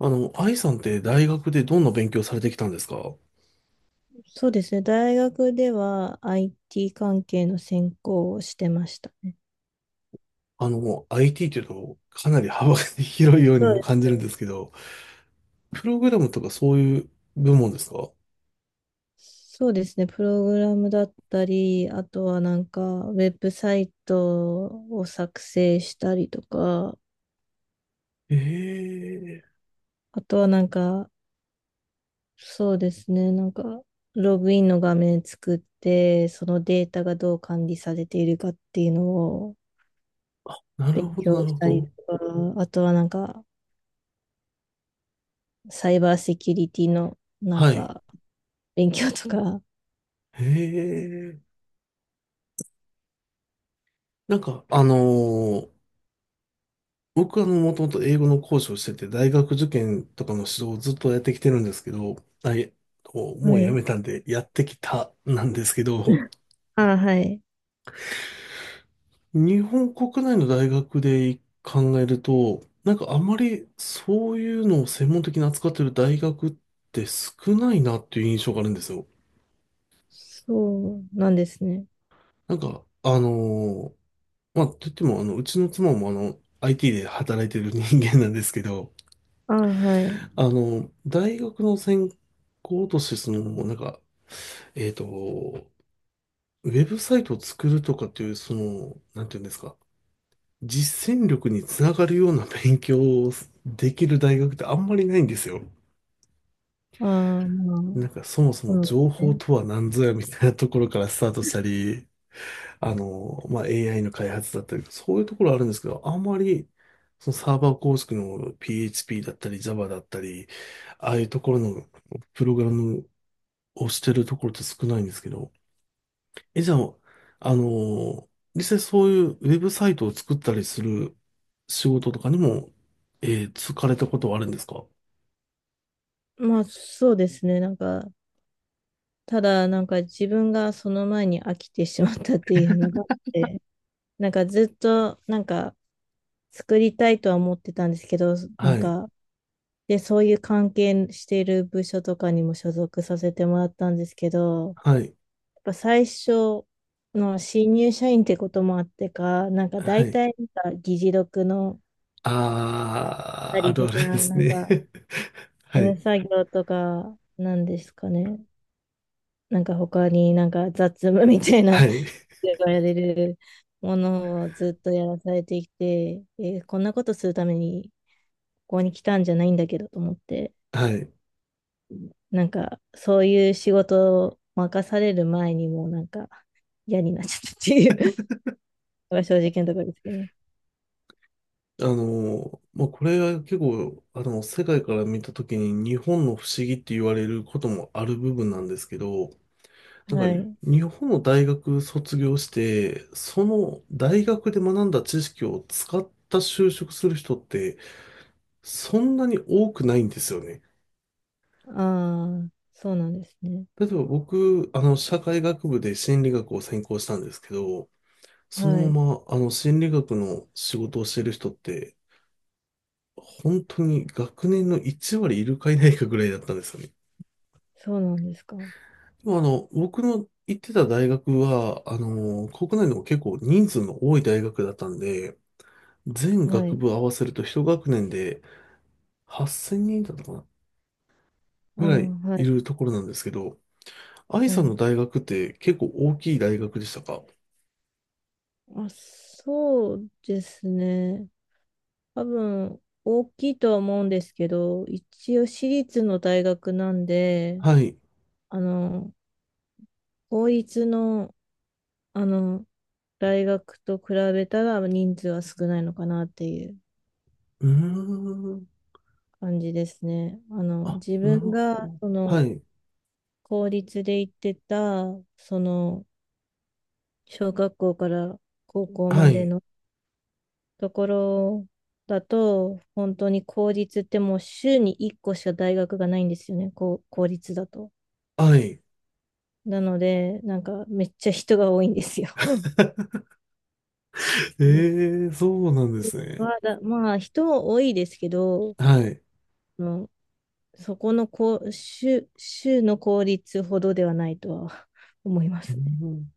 愛さんって大学でどんな勉強されてきたんですか？そうですね。大学では IT 関係の専攻をしてましたね。IT というとかなり幅が 広いようにはもい。感じるんですけど、プログラムとかそういう部門ですか？そうですね。プログラムだったり、あとはウェブサイトを作成したりとか、ええあとはそうですね。ログインの画面作って、そのデータがどう管理されているかっていうのをー、なる勉ほど、強なるしほたりど。とか、あとはサイバーセキュリティのなんはい。か、勉強とか、ええ。なんか、あのー僕はもともと英語の講師をしてて、大学受験とかの指導をずっとやってきてるんですけど、あ、いえ。もはうやめい。たんで、やってきたなんですけど、ああ、はい。日本国内の大学で考えると、なんかあまりそういうのを専門的に扱ってる大学って少ないなっていう印象があるんですよ。そうなんですね。なんか、あのーまあ、といっても、うちの妻もIT で働いてる人間なんですけど、ああ、はい。大学の専攻として、その、なんか、えっと、ウェブサイトを作るとかっていう、その、なんていうんですか、実践力につながるような勉強をできる大学ってあんまりないんですよ。ああ、まあ、なんかそもそもそうで情す報ね。とは何ぞやみたいなところからスタートしたり、まあ、AI の開発だったり、そういうところあるんですけど、あんまりそのサーバー構築の PHP だったり Java だったり、ああいうところのプログラムをしてるところって少ないんですけど、え、じゃあ、あの実際そういうウェブサイトを作ったりする仕事とかにも、就かれたことはあるんですか？まあ、そうですね。ただ、なんか自分がその前に飽きてしまったっていうのがあって、なんかずっと、作りたいとは思ってたんですけど、なんはい、か、で、そういう関係している部署とかにも所属させてもらったんですけど、はい、やっぱ最初の新入社員ってこともあってか、なんかは大い。体なんか議事録の、あたー、ありるとあか、るですね。は事務い、作業とか、なんですかね。なんか他になんか雑務みたいな、はい、言われるものをずっとやらされてきて、えーこんなことするためにここに来たんじゃないんだけどと思って、はい。なんかそういう仕事を任される前にもうなんか嫌になっちゃったっていう のが正直なところですけどね。あのまあ、これは結構、世界から見たときに日本の不思議って言われることもある部分なんですけど、なはんかい。日本の大学卒業して、その大学で学んだ知識を使った就職する人ってそんなに多くないんですよね。ああ、そうなんですね。例えば僕、社会学部で心理学を専攻したんですけど、そはのい。まま、心理学の仕事をしてる人って、本当に学年の1割いるかいないかぐらいだったんですよね。そうなんですか。でも僕の行ってた大学は、国内でも結構人数の多い大学だったんで、全は学い。部合わせると一学年で8000人だったかなあぐあ、らいはいい。るところなんですけど、愛はさんのい。大学って結構大きい大学でしたか？まあ、そうですね。多分、大きいとは思うんですけど、一応私立の大学なんで、はい。あの、公立の、あの、大学と比べたら人数は少ないのかなっていううーん。感じですね。あの、あ、自なる分ほが、ど。そはの、い。公立で行ってた、その、小学校から高校まはでい。のところだと、本当に公立ってもう週に1個しか大学がないんですよね、こう公立だと。はい。なので、なんかめっちゃ人が多いんですよ。ええ、そうなんですね。まあ、だまあ、人も多いですけど、はい。うん、そこのこう州の公立ほどではないとは 思いまうすね。ん。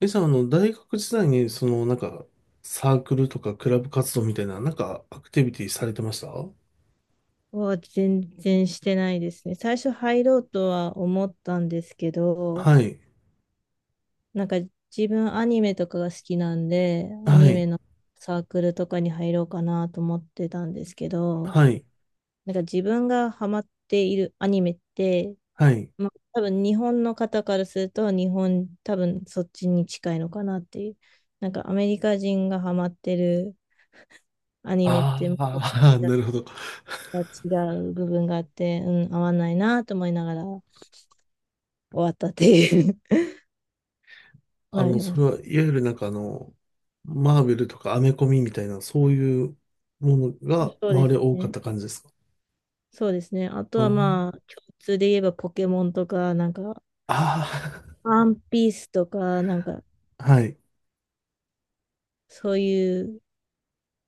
え、じゃあ、大学時代に、その、なんか、サークルとかクラブ活動みたいな、なんか、アクティビティされてました？は全然してないですね。最初入ろうとは思ったんですけど、はい。なんか自分アニメとかが好きなんで、アはニメい。のサークルとかに入ろうかなと思ってたんですけど、はい。なんか自分がハマっているアニメって、はい。まあ多分日本の方からすると日本多分そっちに近いのかなっていう。なんかアメリカ人がハマってるアニメっあてまたちあ、ょなるほど。っと違う部分があって、うん、合わないなと思いながら終わったっていう のありまそす。れはいわゆるなんかマーベルとかアメコミみたいな、そういうものがそうで周りすは多かっね。た感じですか？そうですね。あとおはー。まあ、共通で言えばポケモンとか、あワンピースとか、あー、はい、そういう、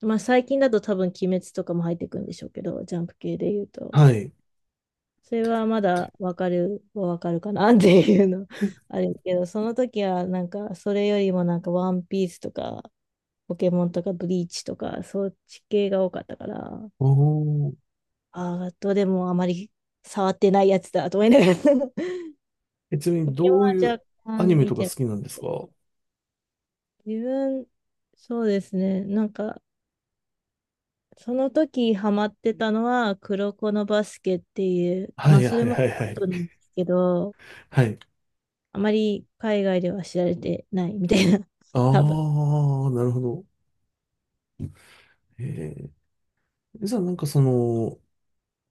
まあ最近だと多分鬼滅とかも入ってくるんでしょうけど、ジャンプ系で言うと。はい。それはまだわかるかなっていうの あるけど、その時はなんか、それよりもなんかワンピースとか、ポケモンとかブリーチとか、そっち系が多かったから、おー。ああ、どれもあまり触ってないやつだと思いながら。 え、ちなみポにケモンどういはう若アニ干メ見とか好てますきなんですけか？どは自分、そうですね。その時ハマってたのは、黒子のバスケっていう、い、はまあ、い、そはれもアッい、はい。プなんですけど、はい。あまり海外では知られてないみたいな、あ多分。あ、なるほど。えー、じゃあなんかその、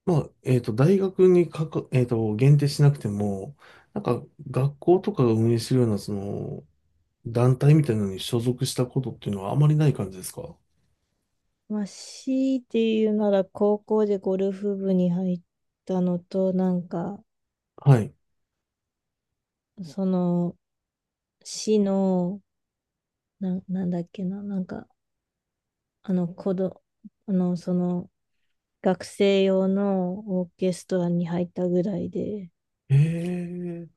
まあ、大学にかか、えっと、限定しなくても、なんか学校とかが運営してるような、その、団体みたいなのに所属したことっていうのはあまりない感じですか？まあ、強いて言うなら、高校でゴルフ部に入ったのと、はい。その、市の、なんだっけな、あの、あの、その、学生用のオーケストラに入ったぐらいで、ええ。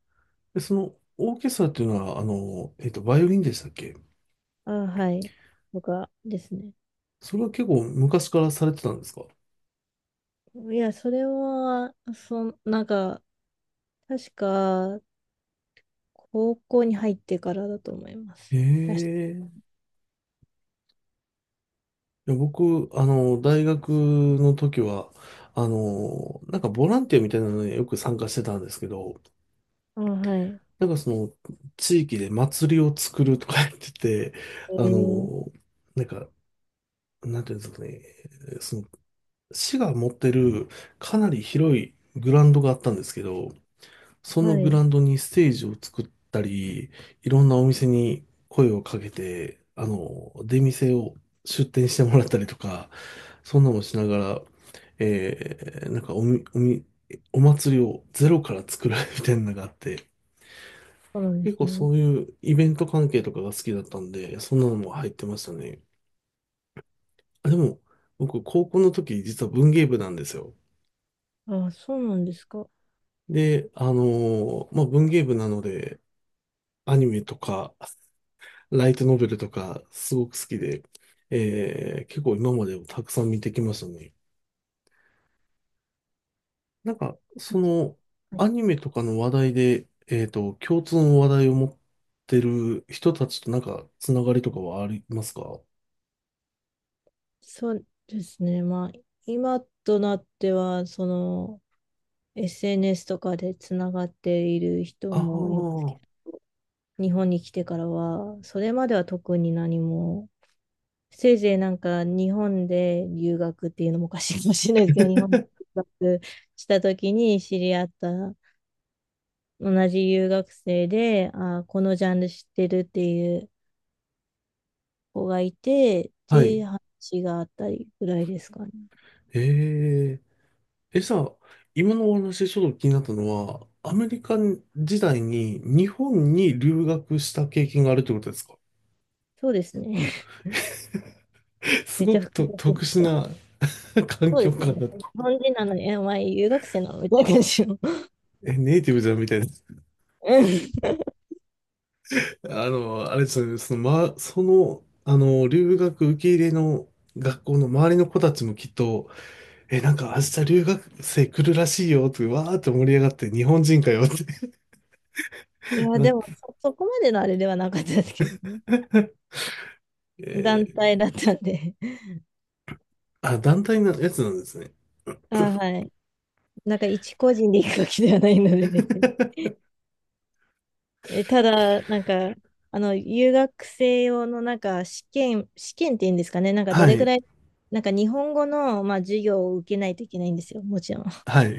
で、その、オーケストラっていうのは、バイオリンでしたっけ？あ、はい。とかですね。それは結構昔からされてたんですか？いや、それは、確か、高校に入ってからだと思います。確かええ。いや、僕、大学の時は、なんかボランティアみたいなのによく参加してたんですけど、あ、はい。なんかその、地域で祭りを作るとか言ってて、えあー、の、なんか、なんていうんですかね、その市が持ってるかなり広いグラウンドがあったんですけど、そのはグラウい。ンドにステージを作ったり、いろんなお店に声をかけて、出店してもらったりとか、そんなもしながら、なんかお祭りをゼロから作る みたいなのがあって、そうなんで結す構ね。そういうイベント関係とかが好きだったんで、そんなのも入ってましたね。あでも、僕、高校の時、実は文芸部なんですよ。あ、そうなんですか。で、まあ、文芸部なので、アニメとか、ライトノベルとか、すごく好きで、結構今までもたくさん見てきましたね。なんか、その、アニメとかの話題で、共通の話題を持ってる人たちとなんか、つながりとかはありますか？そうですね。まあ、今となっては、その、SNS とかでつながっている人ああもいますけー、ど、日本に来てからは、それまでは特に何も、せいぜいなんか日本で留学っていうのもおかしいかもしれないですけど、日本で留学した時に知り合った同じ留学生で、あー、このジャンル知ってるっていう子がいて、はい。で、話があったりぐらいですかね。えー、え、さ、今のお話ちょっと気になったのは、アメリカ時代に日本に留学した経験があるってことですか？そうですね。すめっごちゃく複と雑で特殊すよ。な 環そう境です下よだね。と。日本人なのに、え、お前留学生なのみたいな感じの。え、ネイティブじゃんみたいな。うん、あれですよね、その、その、留学受け入れの学校の周りの子たちもきっと、え、なんか明日留学生来るらしいよって、わーって盛り上がって、日本人かよって い や、なでっもそこまでのあれではなかったですけどね。て、え団ー体だったんで。あ、団体のやつなんですね。あ、はい。なんか一個人で行くわけではないので別に。え、ただ、あの、留学生用のなんか試験っていうんですかね、なんかどはれぐい、らい、なんか日本語の、まあ、授業を受けないといけないんですよ、もちろん。はい。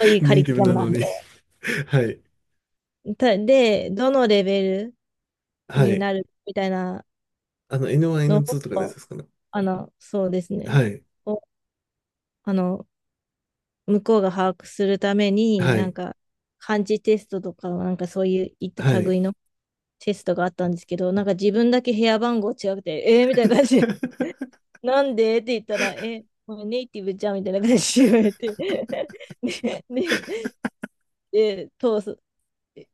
そうい うカネイリテキィュブラなムなのんで。に。はい、たで、どのレベルはにい。なるみたいなN1、の N2 とかのやつを、ですかね。あの、そうですね。はい、を、あの、向こうが把握するために、はい、漢字テストとか、なんかそういういっはたい。類のテストがあったんですけど、なんか自分だけ部屋番号違くて、えー、みたいな感じで、なんでって言ったら、え、これネイティブじゃんみたいな感じで言われて、ね、ね、で、通す、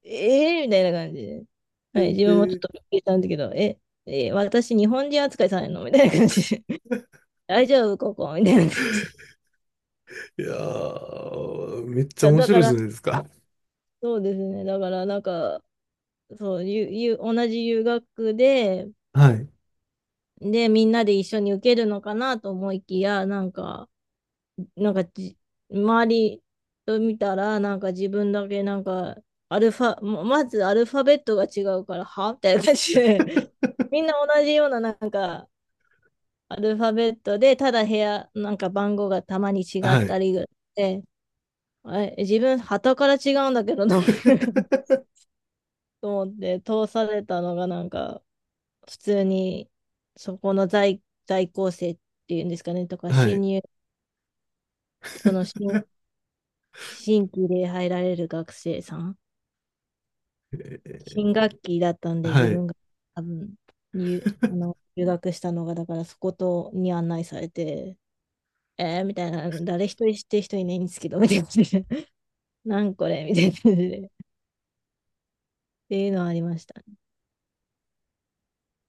ええー、みたいな感じで、はい、自分もちょっ ええ、とびっくりしたんだけど、え、えー私、日本人扱いされるのみたいな感じで、大丈夫、ここみたいな感じで。いやー、めっちゃ面だ白かいじゃら、ないですか。そうですね、だから、そう、同じ留学で、はい。で、みんなで一緒に受けるのかなと思いきや、なんかじ、周りと見たら、なんか自分だけアルファ、まずアルファベットが違うから、はみたいな感じで、みんな同じようなアルファベットで、ただ部屋、なんか番号がたまに違はったい。りぐらいで、あれ、自分、旗から違うんだけど、名前が と思って、通されたのがなんか、普通に、そこの在校生っていうんですかね、とか、はい。その新、新規で入られる学生さん。えー新学期だったんで、は自い。分が多分あの、留学したのが、だからそことに案内されて、えー、みたいな、誰一人知ってる人いないんですけど、みたいな感じで、なんこれみたいな感じで、っていうのはありました。